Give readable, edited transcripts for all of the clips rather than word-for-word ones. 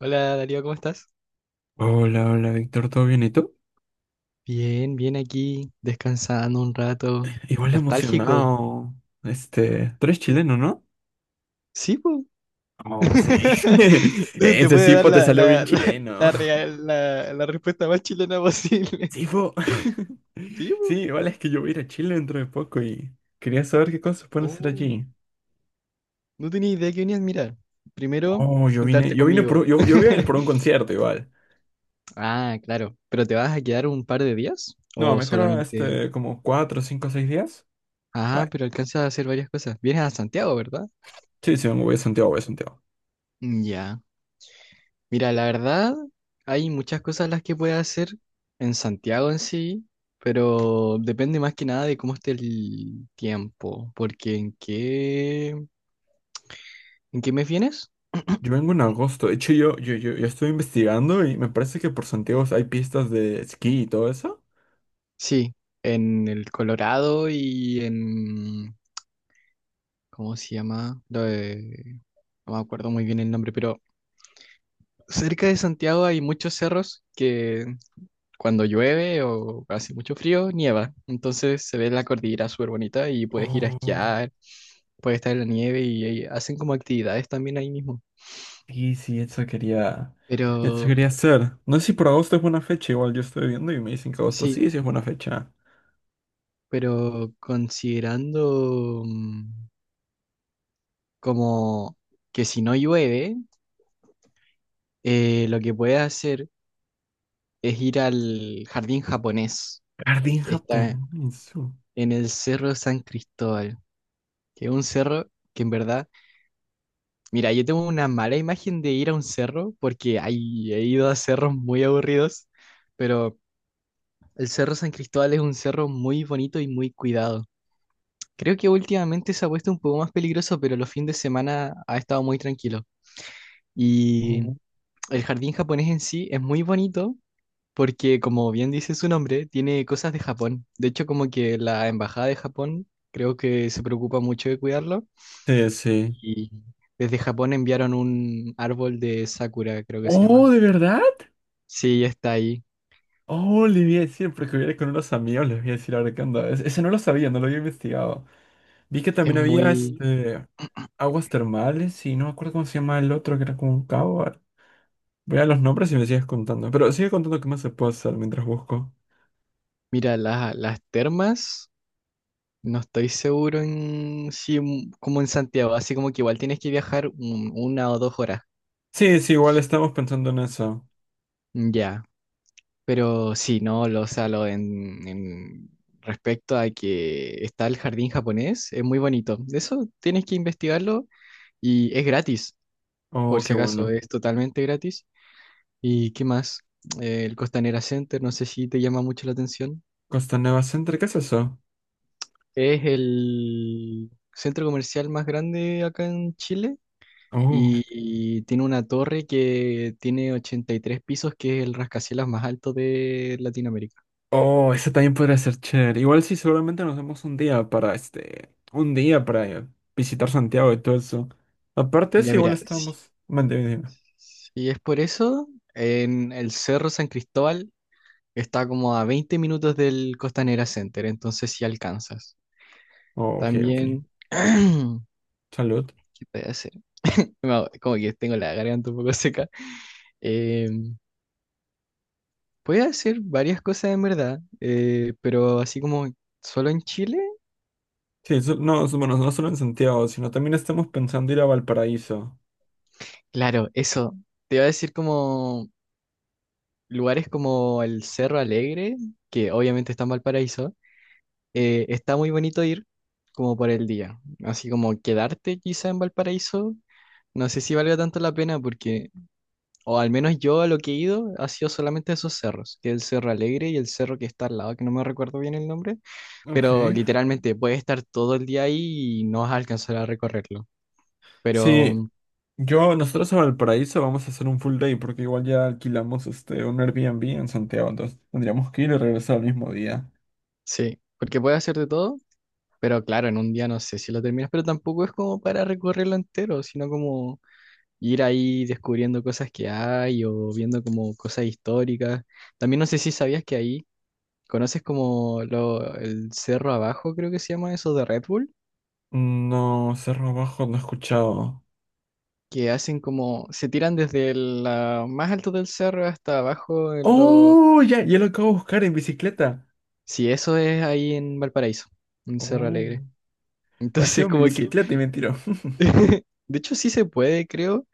Hola Darío, ¿cómo estás? Hola, hola, Víctor, ¿todo bien? ¿Y tú? Bien, bien aquí, descansando un rato. Oye, Igual nostálgico. emocionado. Tú eres chileno, ¿no? Sí, po. Oh, sí. Te Ese puede dar Sifo te la, salió bien la, la, chileno. la, real- la- la respuesta más chilena posible. Sifo. Sí, po. Sí, igual es que yo voy a ir a Chile dentro de poco y quería saber qué cosas pueden hacer Oh, allí. no tenía idea que venías a mirar. Primero, Oh, juntarte yo vine conmigo. por, yo voy a ir por un concierto igual. Ah, claro. ¿Pero te vas a quedar un par de días? No, ¿O me quedaron solamente...? Como cuatro, cinco, seis días. Ah, Right. pero alcanzas a hacer varias cosas. Vienes a Santiago, ¿verdad? Sí, sí, me voy a Santiago, voy a Santiago. Ya. Mira, la verdad, hay muchas cosas las que puedes hacer en Santiago en sí, pero depende más que nada de cómo esté el tiempo, porque ¿en qué mes vienes? Yo vengo en agosto. De hecho, yo estoy investigando y me parece que por Santiago hay pistas de esquí y todo eso. Sí, en el Colorado y ¿cómo se llama? No me acuerdo muy bien el nombre, pero cerca de Santiago hay muchos cerros que cuando llueve o hace mucho frío, nieva. Entonces se ve la cordillera súper bonita y puedes ir a Oh, esquiar, puedes estar en la nieve y ahí hacen como actividades también ahí mismo. sí, sí, eso Pero quería hacer. No sé si por agosto es buena fecha, igual yo estoy viendo y me dicen que agosto sí, sí, sí es buena fecha. pero considerando como que si no llueve, lo que puedes hacer es ir al jardín japonés Jardín que está japonés. en el Cerro San Cristóbal, que es un cerro que en verdad. Mira, yo tengo una mala imagen de ir a un cerro porque he ido a cerros muy aburridos, pero el Cerro San Cristóbal es un cerro muy bonito y muy cuidado. Creo que últimamente se ha puesto un poco más peligroso, pero los fines de semana ha estado muy tranquilo. Y Oh. el jardín japonés en sí es muy bonito porque, como bien dice su nombre, tiene cosas de Japón. De hecho, como que la embajada de Japón creo que se preocupa mucho de cuidarlo Sí, sí. y desde Japón enviaron un árbol de sakura, creo que se Oh, llama. ¿de verdad? Sí, está ahí. Oh, le voy a decir, porque voy a ir con unos amigos, les voy a decir ahora qué onda. Ese no lo sabía, no lo había investigado. Vi que Es también había muy... aguas termales y no me acuerdo cómo se llama el otro, que era como un cabo. Voy a los nombres y me sigues contando. Pero sigue contando qué más se puede hacer mientras busco. Mira, las termas, no estoy seguro en si como en Santiago, así como que igual tienes que viajar 1 o 2 horas. Sí, sí, igual estamos pensando en eso. Mm, ya, pero sí, no, lo, o sea, lo en respecto a que está el jardín japonés, es muy bonito. Eso tienes que investigarlo y es gratis, Oh, por qué si acaso, bueno. es totalmente gratis. ¿Y qué más? El Costanera Center, no sé si te llama mucho la atención. Costa Nueva Center, ¿qué es eso? Es el centro comercial más grande acá en Chile Oh. y, y tiene una torre que tiene 83 pisos, que es el rascacielos más alto de Latinoamérica. Oh, eso también podría ser chévere. Igual sí, seguramente nos damos un día para este. Un día para visitar Santiago y todo eso. Aparte, Ya sí, igual mira, si, estamos manteniendo. si es por eso, en el Cerro San Cristóbal está como a 20 minutos del Costanera Center, entonces si alcanzas. Oh, ok, ok. También, Salud. ¿qué puede hacer? Como que tengo la garganta un poco seca. Eh, Puede hacer varias cosas en verdad, pero así como solo en Chile, Bueno, no solo en Santiago, sino también estamos pensando ir a Valparaíso. claro, eso. Te iba a decir como lugares como el Cerro Alegre, que obviamente está en Valparaíso, está muy bonito ir como por el día, así como quedarte quizá en Valparaíso, no sé si valga tanto la pena porque. O al menos yo a lo que he ido ha sido solamente a esos cerros, que es el Cerro Alegre y el cerro que está al lado, que no me recuerdo bien el nombre, Ok. pero literalmente puedes estar todo el día ahí y no vas a alcanzar a recorrerlo. Pero Sí, yo, nosotros a Valparaíso vamos a hacer un full day porque igual ya alquilamos un Airbnb en Santiago, entonces tendríamos que ir y regresar al mismo día. sí, porque puedes hacer de todo, pero claro, en un día no sé si lo terminas, pero tampoco es como para recorrerlo entero, sino como ir ahí descubriendo cosas que hay o viendo como cosas históricas. También no sé si sabías que ahí conoces como lo, el cerro abajo, creo que se llama eso de Red Bull. No, Cerro Abajo no he escuchado. Que hacen como, se tiran desde el la más alto del cerro hasta abajo en lo... ¡Oh! Ya, ya lo acabo de buscar en bicicleta. Sí, eso es ahí en Valparaíso, en Cerro ¡Oh! Alegre. Haber Entonces sido mi como que, bicicleta y me tiró. de hecho sí se puede, creo,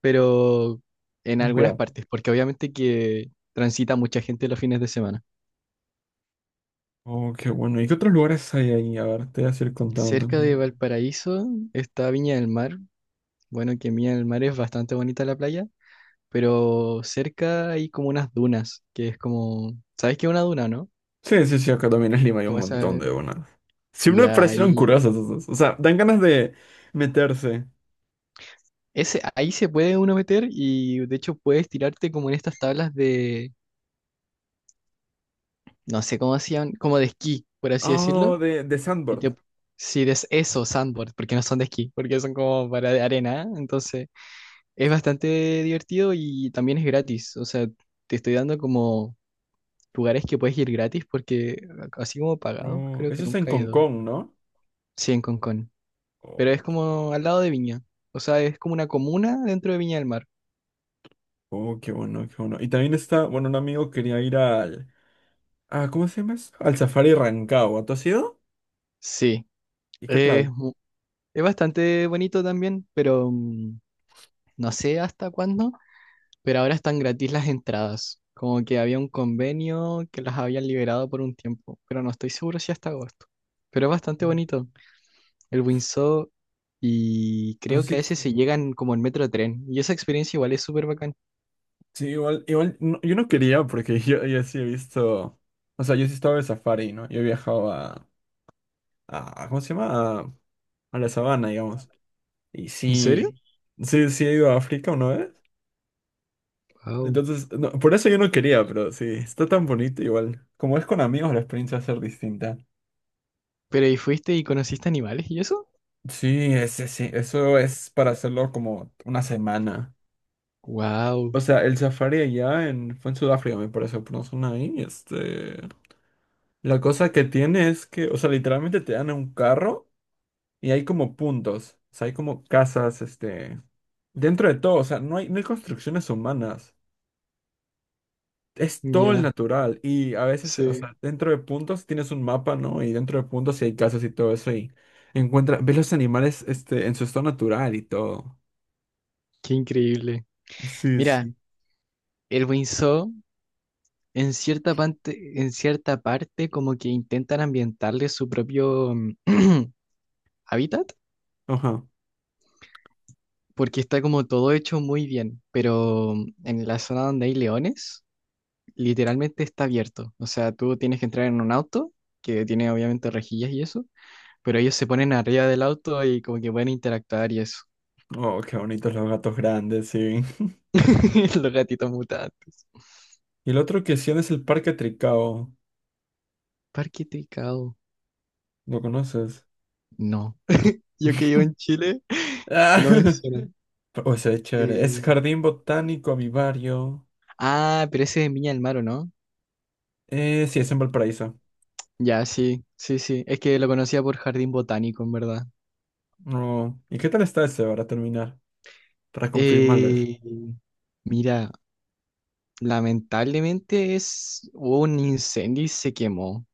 pero en algunas Cuidado. partes, porque obviamente que transita mucha gente los fines de semana. Oh, qué bueno. ¿Y qué otros lugares hay ahí? A ver, te voy a ir contando Cerca de también. Valparaíso está Viña del Mar. Bueno, que Viña del Mar es bastante bonita la playa, pero cerca hay como unas dunas, que es como, ¿sabes qué es una duna, no? Sí, sí, sí, acá también en Lima hay un Como esa, montón de donas. Siempre me ya. Sí, pues, parecieron ahí. curiosas esas. O sea, dan ganas de meterse. Ese, ahí se puede uno meter y de hecho puedes tirarte como en estas tablas de, no sé cómo hacían, como de esquí, por así decirlo. Oh, de Y Sandboard. te, sí, de eso, sandboard, porque no son de esquí, porque son como para de arena. ¿Eh? Entonces es bastante divertido y también es gratis. O sea, te estoy dando como lugares que puedes ir gratis porque así como pagados, No, creo que eso está en nunca he Hong ido. Kong, ¿no? Sí, en Concón. Pero Oh, es qué como al lado de Viña. O sea, es como una comuna dentro de Viña del Mar. oh, qué bueno, qué bueno. Y también está, bueno, un amigo quería ir al... Ah, ¿cómo se llama eso? Al Safari Rancagua. ¿Tú has ido? Sí. ¿Y qué es tal? Es bastante bonito también, pero no sé hasta cuándo, pero ahora están gratis las entradas. Como que había un convenio que las habían liberado por un tiempo, pero no estoy seguro si hasta agosto. Pero es bastante bonito el Windsor y Eso creo que a sí, veces se llegan como en metro tren y esa experiencia igual es súper bacán. sí, igual, igual, no, yo no quería porque yo sí he visto... O sea, yo sí estaba de safari, ¿no? Yo he viajado a... ¿Cómo se llama? A la sabana, digamos. Y ¿En serio? sí, sí he ido a África una vez. Wow. Entonces, no, por eso yo no quería, pero sí, está tan bonito igual. Como es con amigos, la experiencia va a ser distinta. Pero ¿y fuiste y conociste animales y eso? Sí, sí, eso es para hacerlo como una semana. Wow. O sea, el safari allá en, fue en Sudáfrica, me parece, por una zona ahí. La cosa que tiene es que, o sea, literalmente te dan un carro y hay como puntos. O sea, hay como casas, dentro de todo. O sea, no hay construcciones humanas. Es todo el Ya, natural y a veces, o sí. sea, dentro de puntos tienes un mapa, ¿no? Y dentro de puntos sí hay casas y todo eso y encuentra, ves los animales en su estado natural y todo. Qué increíble. Sí, Mira, sí. el Windsor. En cierta parte como que intentan ambientarle su propio hábitat, Ajá. porque está como todo hecho muy bien, pero en la zona donde hay leones, literalmente está abierto. O sea, tú tienes que entrar en un auto, que tiene obviamente rejillas y eso, pero ellos se ponen arriba del auto y como que pueden interactuar y eso. Oh, qué bonitos los gatos grandes, sí. Los gatitos mutantes. Y el otro que sí es el Parque Tricao. Parque Tricao. ¿Lo conoces? No. Yo que vivo en Chile, Ah, no es... O sea, es chévere. Es Eh, Jardín Botánico Avivario. ah, pero ese es en Viña del Mar, ¿o no? Sí, es en Valparaíso. Ya, sí, sí, sí. Es que lo conocía por jardín botánico, en verdad. No. ¿Y qué tal está ese para terminar? Para confirmarles. Eh, Mira, lamentablemente es, hubo un incendio y se quemó.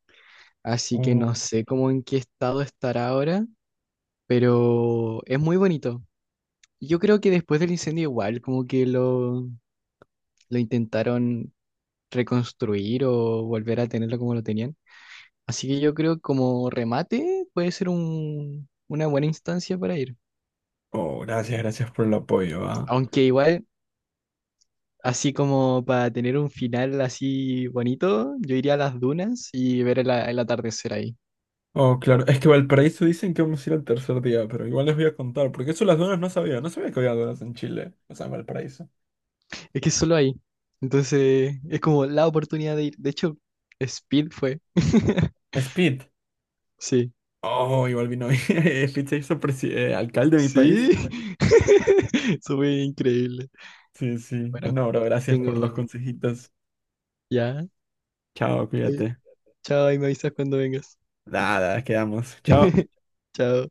Así que no sé cómo en qué estado estará ahora, pero es muy bonito. Yo creo que después del incendio igual, como que lo intentaron reconstruir o volver a tenerlo como lo tenían. Así que yo creo que como remate puede ser una buena instancia para ir. Oh, gracias, gracias por el apoyo, ah. Aunque igual... Así como para tener un final así bonito, yo iría a las dunas y ver el atardecer ahí. Oh, claro, es que Valparaíso dicen que vamos a ir al tercer día, pero igual les voy a contar, porque eso las donas no sabía, no sabía que había donas en Chile, o sea, en Valparaíso. Es que es solo ahí. Entonces, es como la oportunidad de ir. De hecho, Speed fue. Speed. Sí. Oh, igual vino Speed se hizo presi- alcalde de mi Sí. país. Eso fue increíble. Sí, sí. Bueno, Bueno, Bueno, bro, gracias por los tengo... consejitos. Ya. Chao, Ahí- cuídate. Chao, ahí me avisas cuando vengas. Nada, quedamos. Chao. Chao.